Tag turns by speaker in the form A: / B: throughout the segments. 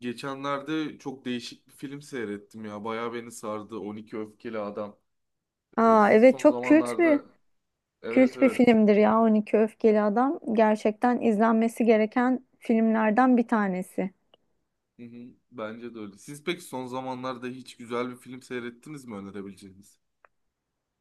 A: Geçenlerde çok değişik bir film seyrettim ya. Bayağı beni sardı. 12 Öfkeli Adam.
B: Aa,
A: Siz
B: evet,
A: son
B: çok kült bir
A: zamanlarda... Evet
B: kült bir
A: evet.
B: filmdir ya, 12 Öfkeli Adam. Gerçekten izlenmesi gereken filmlerden bir tanesi.
A: Hı hı, bence de öyle. Siz peki son zamanlarda hiç güzel bir film seyrettiniz mi önerebileceğiniz?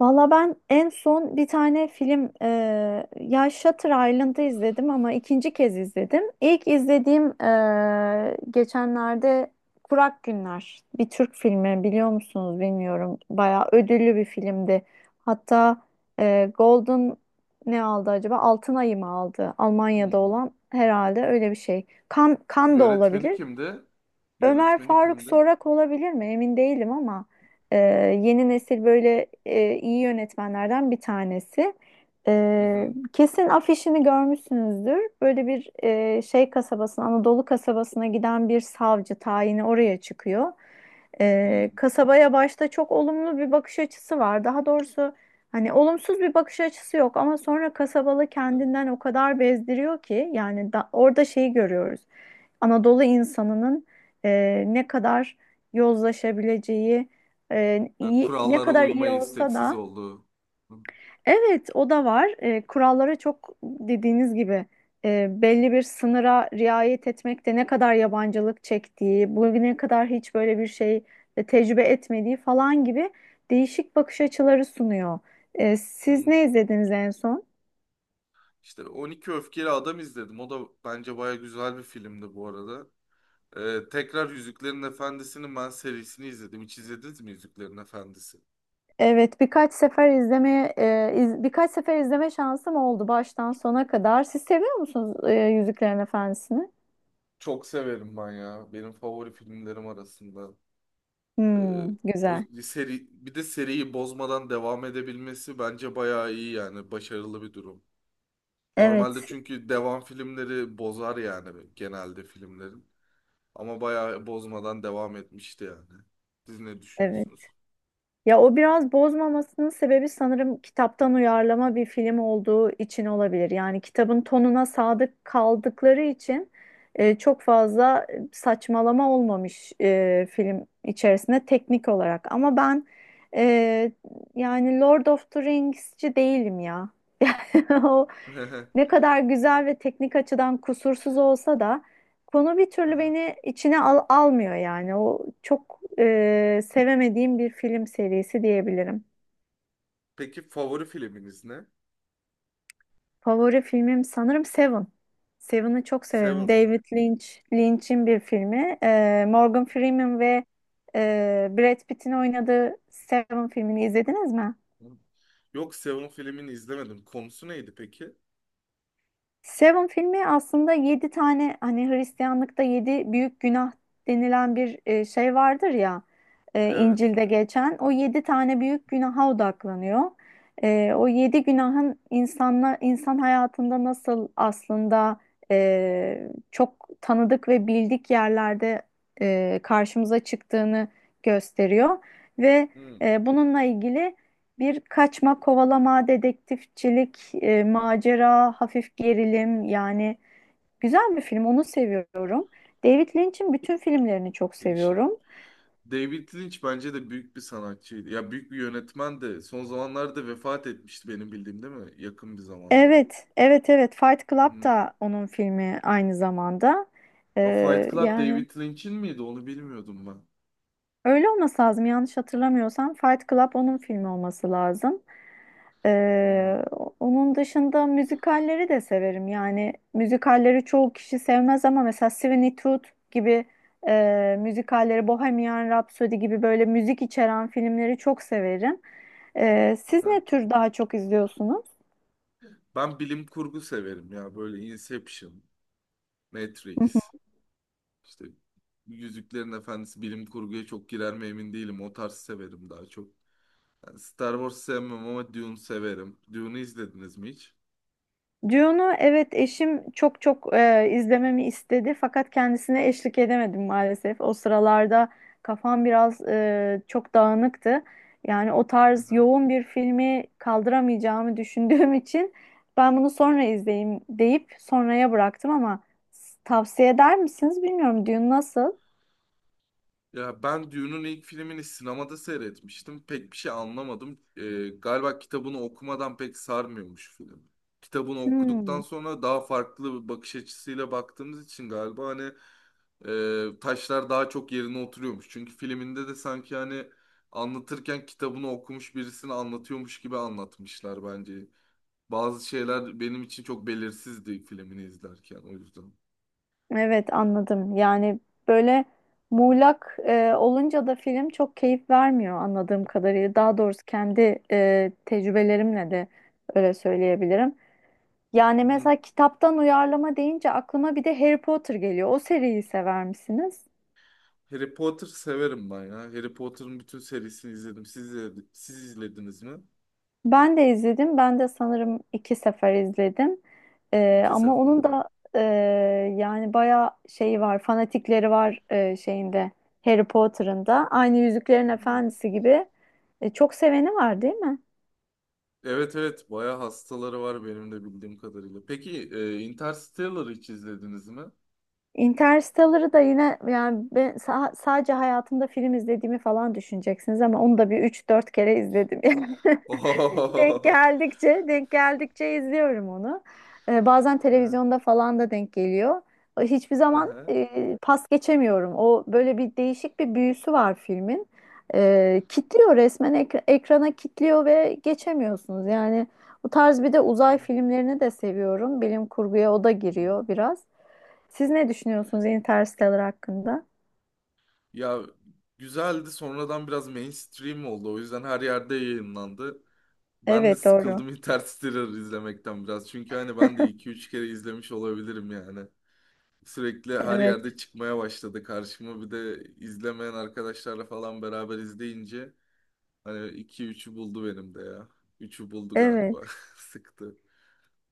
B: Valla, ben en son bir tane film ya Shutter Island'ı izledim ama ikinci kez izledim. İlk izlediğim geçenlerde Kurak Günler, bir Türk filmi, biliyor musunuz bilmiyorum. Bayağı ödüllü bir filmdi. Hatta Golden ne aldı acaba? Altın Ayı mı aldı? Almanya'da
A: Hmm.
B: olan herhalde, öyle bir şey. Kan, kan da
A: Yönetmeni
B: olabilir.
A: kimdi?
B: Ömer
A: Yönetmeni
B: Faruk
A: kimdi?
B: Sorak olabilir mi? Emin değilim ama e, yeni nesil böyle iyi yönetmenlerden bir tanesi.
A: Hı
B: E,
A: hı.
B: kesin afişini görmüşsünüzdür. Böyle bir şey kasabasına, Anadolu kasabasına giden bir savcı tayini oraya çıkıyor.
A: Hmm.
B: Kasabaya başta çok olumlu bir bakış açısı var. Daha doğrusu hani olumsuz bir bakış açısı yok ama sonra kasabalı
A: Evet.
B: kendinden o kadar bezdiriyor ki, yani da, orada şeyi görüyoruz. Anadolu insanının ne kadar yozlaşabileceği,
A: Ha,
B: ne
A: kurallara
B: kadar iyi
A: uymaya
B: olsa
A: isteksiz
B: da,
A: olduğu. Hı.
B: evet, o da var. Kurallara, çok dediğiniz gibi belli bir sınıra riayet etmekte ne kadar yabancılık çektiği, bugüne kadar hiç böyle bir şey tecrübe etmediği falan gibi değişik bakış açıları sunuyor. Siz
A: Hmm.
B: ne izlediniz en son?
A: İşte 12 Öfkeli Adam izledim. O da bence bayağı güzel bir filmdi bu arada. Tekrar Yüzüklerin Efendisi'nin ben serisini izledim. Hiç izlediniz mi Yüzüklerin Efendisi?
B: Evet, birkaç sefer birkaç sefer izleme şansım oldu baştan sona kadar. Siz seviyor musunuz Yüzüklerin Efendisi'ni?
A: Çok severim ben ya. Benim favori filmlerim arasında. Ee,
B: Hmm, güzel.
A: Seri, bir de seriyi bozmadan devam edebilmesi bence bayağı iyi yani. Başarılı bir durum. Normalde
B: Evet,
A: çünkü devam filmleri bozar yani genelde filmlerin. Ama bayağı bozmadan devam etmişti yani. Siz ne
B: evet.
A: düşünüyorsunuz?
B: Ya o biraz bozmamasının sebebi, sanırım kitaptan uyarlama bir film olduğu için olabilir. Yani kitabın tonuna sadık kaldıkları için çok fazla saçmalama olmamış film içerisinde, teknik olarak. Ama ben, e, yani Lord of the Rings'ci değilim ya. O ne kadar güzel ve teknik açıdan kusursuz olsa da konu bir türlü beni içine almıyor yani. O çok sevemediğim bir film serisi diyebilirim.
A: Peki favori filminiz ne?
B: Favori filmim sanırım Seven. Seven'ı çok severim.
A: Seven mi?
B: David Lynch, Lynch'in bir filmi. Morgan Freeman ve Brad Pitt'in oynadığı Seven filmini izlediniz mi?
A: Yok Seven filmini izlemedim. Konusu neydi peki?
B: Seven filmi aslında yedi tane, hani Hristiyanlıkta yedi büyük günah denilen bir şey vardır ya,
A: Evet.
B: İncil'de geçen o yedi tane büyük günaha odaklanıyor. O yedi günahın insanla, insan hayatında nasıl aslında çok tanıdık ve bildik yerlerde karşımıza çıktığını gösteriyor ve
A: Hmm,
B: bununla ilgili. Bir kaçma, kovalama, dedektifçilik, macera, hafif gerilim, yani güzel bir film, onu seviyorum. David Lynch'in bütün filmlerini çok
A: Değişik.
B: seviyorum.
A: David Lynch bence de büyük bir sanatçıydı. Ya büyük bir yönetmen de son zamanlarda vefat etmişti benim bildiğim değil mi? Yakın bir zamanda.
B: Evet, evet, evet. Fight Club
A: Hmm.
B: da onun filmi aynı zamanda.
A: A Fight Club
B: Yani
A: David Lynch'in miydi? Onu bilmiyordum ben.
B: öyle olması lazım. Yanlış hatırlamıyorsam Fight Club onun filmi olması lazım.
A: Hmm.
B: Ee, onun dışında müzikalleri de severim. Yani müzikalleri çoğu kişi sevmez ama mesela Sweeney Todd gibi müzikalleri, Bohemian Rhapsody gibi böyle müzik içeren filmleri çok severim. Siz
A: Aha.
B: ne tür daha çok izliyorsunuz?
A: Ben bilim kurgu severim ya. Böyle Inception, Matrix, işte Yüzüklerin Efendisi bilim kurguya çok girer mi emin değilim. O tarz severim daha çok. Star Wars sevmem ama Dune severim. Dune'u izlediniz mi hiç?
B: Dune'u, evet, eşim çok çok izlememi istedi fakat kendisine eşlik edemedim maalesef. O sıralarda kafam biraz, çok dağınıktı. Yani o tarz
A: Aha.
B: yoğun bir filmi kaldıramayacağımı düşündüğüm için ben bunu sonra izleyeyim deyip sonraya bıraktım ama, tavsiye eder misiniz bilmiyorum. Dune nasıl?
A: Ya ben Dune'un ilk filmini sinemada seyretmiştim. Pek bir şey anlamadım. Galiba kitabını okumadan pek sarmıyormuş film. Kitabını okuduktan
B: Hmm.
A: sonra daha farklı bir bakış açısıyla baktığımız için galiba hani taşlar daha çok yerine oturuyormuş. Çünkü filminde de sanki hani anlatırken kitabını okumuş birisini anlatıyormuş gibi anlatmışlar bence. Bazı şeyler benim için çok belirsizdi filmini izlerken o yüzden.
B: Evet, anladım. Yani böyle muğlak olunca da film çok keyif vermiyor, anladığım kadarıyla. Daha doğrusu kendi tecrübelerimle de öyle söyleyebilirim. Yani
A: Hı hı.
B: mesela kitaptan uyarlama deyince aklıma bir de Harry Potter geliyor. O seriyi sever misiniz?
A: Harry Potter severim ben ya. Harry Potter'ın bütün serisini izledim. Siz izlediniz mi?
B: Ben de izledim. Ben de sanırım iki sefer izledim.
A: İki
B: Ama
A: sefer
B: onun
A: oldu.
B: da, e, yani bayağı şeyi var, fanatikleri var şeyinde, Harry Potter'ın da. Aynı Yüzüklerin
A: Hı.
B: Efendisi gibi çok seveni var, değil mi?
A: Evet evet bayağı hastaları var benim de bildiğim kadarıyla. Peki Interstellar'ı hiç izlediniz mi?
B: Interstellar'ı da, yine yani ben sadece hayatımda film izlediğimi falan düşüneceksiniz ama onu da bir üç dört kere izledim. Yani denk
A: Ohohoho.
B: geldikçe denk geldikçe izliyorum onu. Bazen
A: Hı
B: televizyonda falan da denk geliyor. Hiçbir zaman
A: hı.
B: pas geçemiyorum. O böyle bir değişik bir büyüsü var filmin. Kitliyor resmen, ekrana kitliyor ve geçemiyorsunuz. Yani bu tarz, bir de uzay filmlerini de seviyorum. Bilim kurguya o da giriyor biraz. Siz ne düşünüyorsunuz Interstellar hakkında?
A: Ya güzeldi, sonradan biraz mainstream oldu. O yüzden her yerde yayınlandı. Ben de
B: Evet, doğru.
A: sıkıldım Interstellar izlemekten biraz. Çünkü hani ben de iki üç kere izlemiş olabilirim yani. Sürekli her
B: Evet.
A: yerde çıkmaya başladı karşıma. Bir de izlemeyen arkadaşlarla falan beraber izleyince hani iki üçü buldu benim de ya. Üçü buldu
B: Evet.
A: galiba. Sıktı.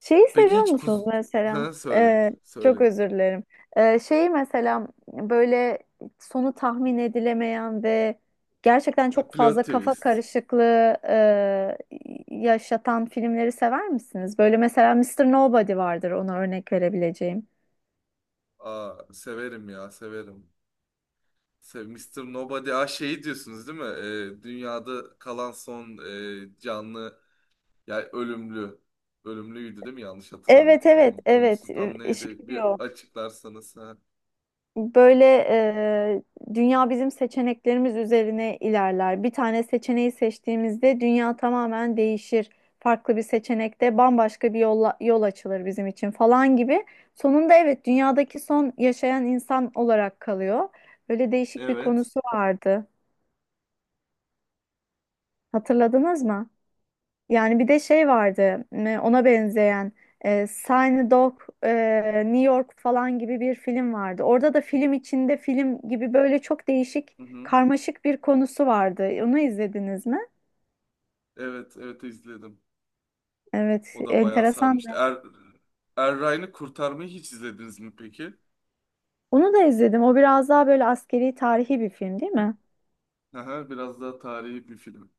B: Şeyi
A: Peki
B: seviyor
A: hiç kuz...
B: musunuz mesela?
A: Ha, söyle.
B: Çok
A: Söyle.
B: özür dilerim. Şeyi mesela, böyle sonu tahmin edilemeyen ve gerçekten
A: Ha,
B: çok
A: plot
B: fazla kafa
A: twist.
B: karışıklığı yaşatan filmleri sever misiniz? Böyle mesela Mister Nobody vardır, ona örnek verebileceğim.
A: Aa, severim ya severim. Mr. Nobody. Aa şeyi diyorsunuz değil mi? Dünyada kalan son canlı. Yani ölümlü. Ölümlüydü değil mi? Yanlış
B: Evet,
A: hatırlamıyorsam.
B: evet,
A: Bunun
B: evet.
A: konusu tam
B: Şey
A: neydi? Bir
B: diyor
A: açıklarsanız. Ha.
B: böyle, dünya bizim seçeneklerimiz üzerine ilerler. Bir tane seçeneği seçtiğimizde dünya tamamen değişir. Farklı bir seçenekte bambaşka bir yolla, yol açılır bizim için falan gibi. Sonunda evet, dünyadaki son yaşayan insan olarak kalıyor. Böyle değişik bir
A: Evet.
B: konusu vardı. Hatırladınız mı? Yani bir de şey vardı, ona benzeyen, Sign Dog, New York falan gibi bir film vardı. Orada da film içinde film gibi böyle çok değişik,
A: Hı hı.
B: karmaşık bir konusu vardı. Onu izlediniz mi?
A: Evet, evet izledim.
B: Evet,
A: O da bayağı
B: enteresan.
A: sarmıştı. Erray'ını Kurtarmayı hiç izlediniz mi peki?
B: Onu da izledim. O biraz daha böyle askeri, tarihi bir film değil mi?
A: Aha, biraz daha tarihi bir film.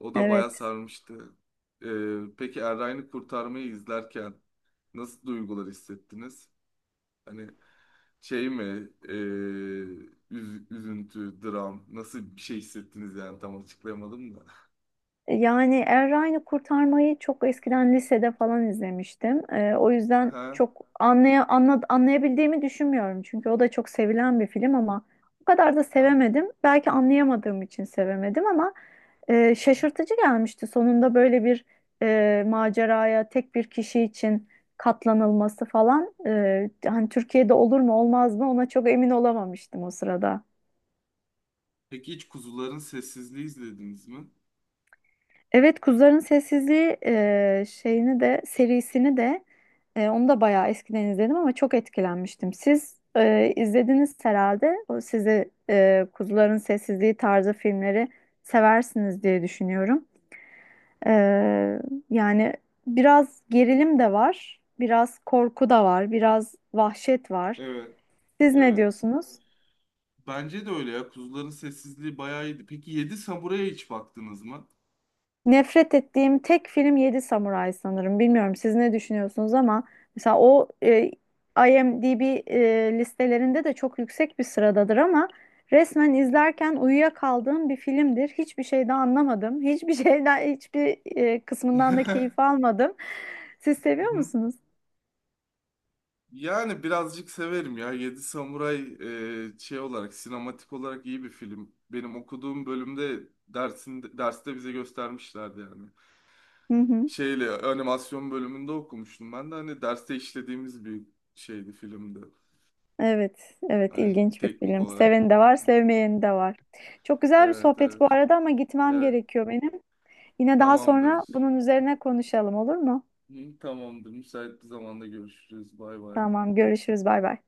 A: O da bayağı
B: Evet.
A: sarmıştı. Peki Erray'ını Kurtarmayı izlerken nasıl duygular hissettiniz? Hani şey mi? Üzüntü, dram. Nasıl bir şey hissettiniz yani tam açıklayamadım da.
B: Yani Errani Kurtarmayı çok eskiden, lisede falan izlemiştim. O yüzden
A: Aha,
B: çok anlayabildiğimi düşünmüyorum. Çünkü o da çok sevilen bir film ama o kadar da
A: aha.
B: sevemedim. Belki anlayamadığım için sevemedim ama şaşırtıcı gelmişti. Sonunda böyle bir maceraya tek bir kişi için katlanılması falan. Hani Türkiye'de olur mu olmaz mı, ona çok emin olamamıştım o sırada.
A: Peki hiç Kuzuların Sessizliği izlediniz mi?
B: Evet, Kuzuların Sessizliği şeyini de, serisini de, onu da bayağı eskiden izledim ama çok etkilenmiştim. Siz izlediniz herhalde. O size Kuzuların Sessizliği tarzı filmleri seversiniz diye düşünüyorum. E, yani biraz gerilim de var, biraz korku da var, biraz vahşet var.
A: Evet,
B: Siz ne
A: evet.
B: diyorsunuz?
A: Bence de öyle ya. Kuzuların Sessizliği bayağı iyiydi. Peki Yedi Samuray'a hiç baktınız mı?
B: Nefret ettiğim tek film Yedi Samuray sanırım. Bilmiyorum siz ne düşünüyorsunuz ama mesela o IMDb listelerinde de çok yüksek bir sıradadır ama resmen izlerken uyuyakaldığım bir filmdir. Hiçbir şey de anlamadım. Hiçbir şeyden, hiçbir kısmından da keyif almadım. Siz seviyor
A: Mhm.
B: musunuz?
A: Yani birazcık severim ya. Yedi Samuray şey olarak, sinematik olarak iyi bir film. Benim okuduğum bölümde derste bize göstermişlerdi yani.
B: Hı hı.
A: Şeyle animasyon bölümünde okumuştum ben de hani derste işlediğimiz bir şeydi filmdi.
B: Evet, evet,
A: Hani
B: ilginç bir
A: teknik
B: film.
A: olarak.
B: Seveni de var, sevmeyeni de var. Çok güzel bir
A: Evet,
B: sohbet bu
A: evet.
B: arada ama gitmem
A: Evet,
B: gerekiyor benim. Yine daha sonra
A: tamamdır.
B: bunun üzerine konuşalım, olur mu?
A: Hı, tamamdır. Müsait bir zamanda görüşürüz. Bay bay.
B: Tamam, görüşürüz, bay bay.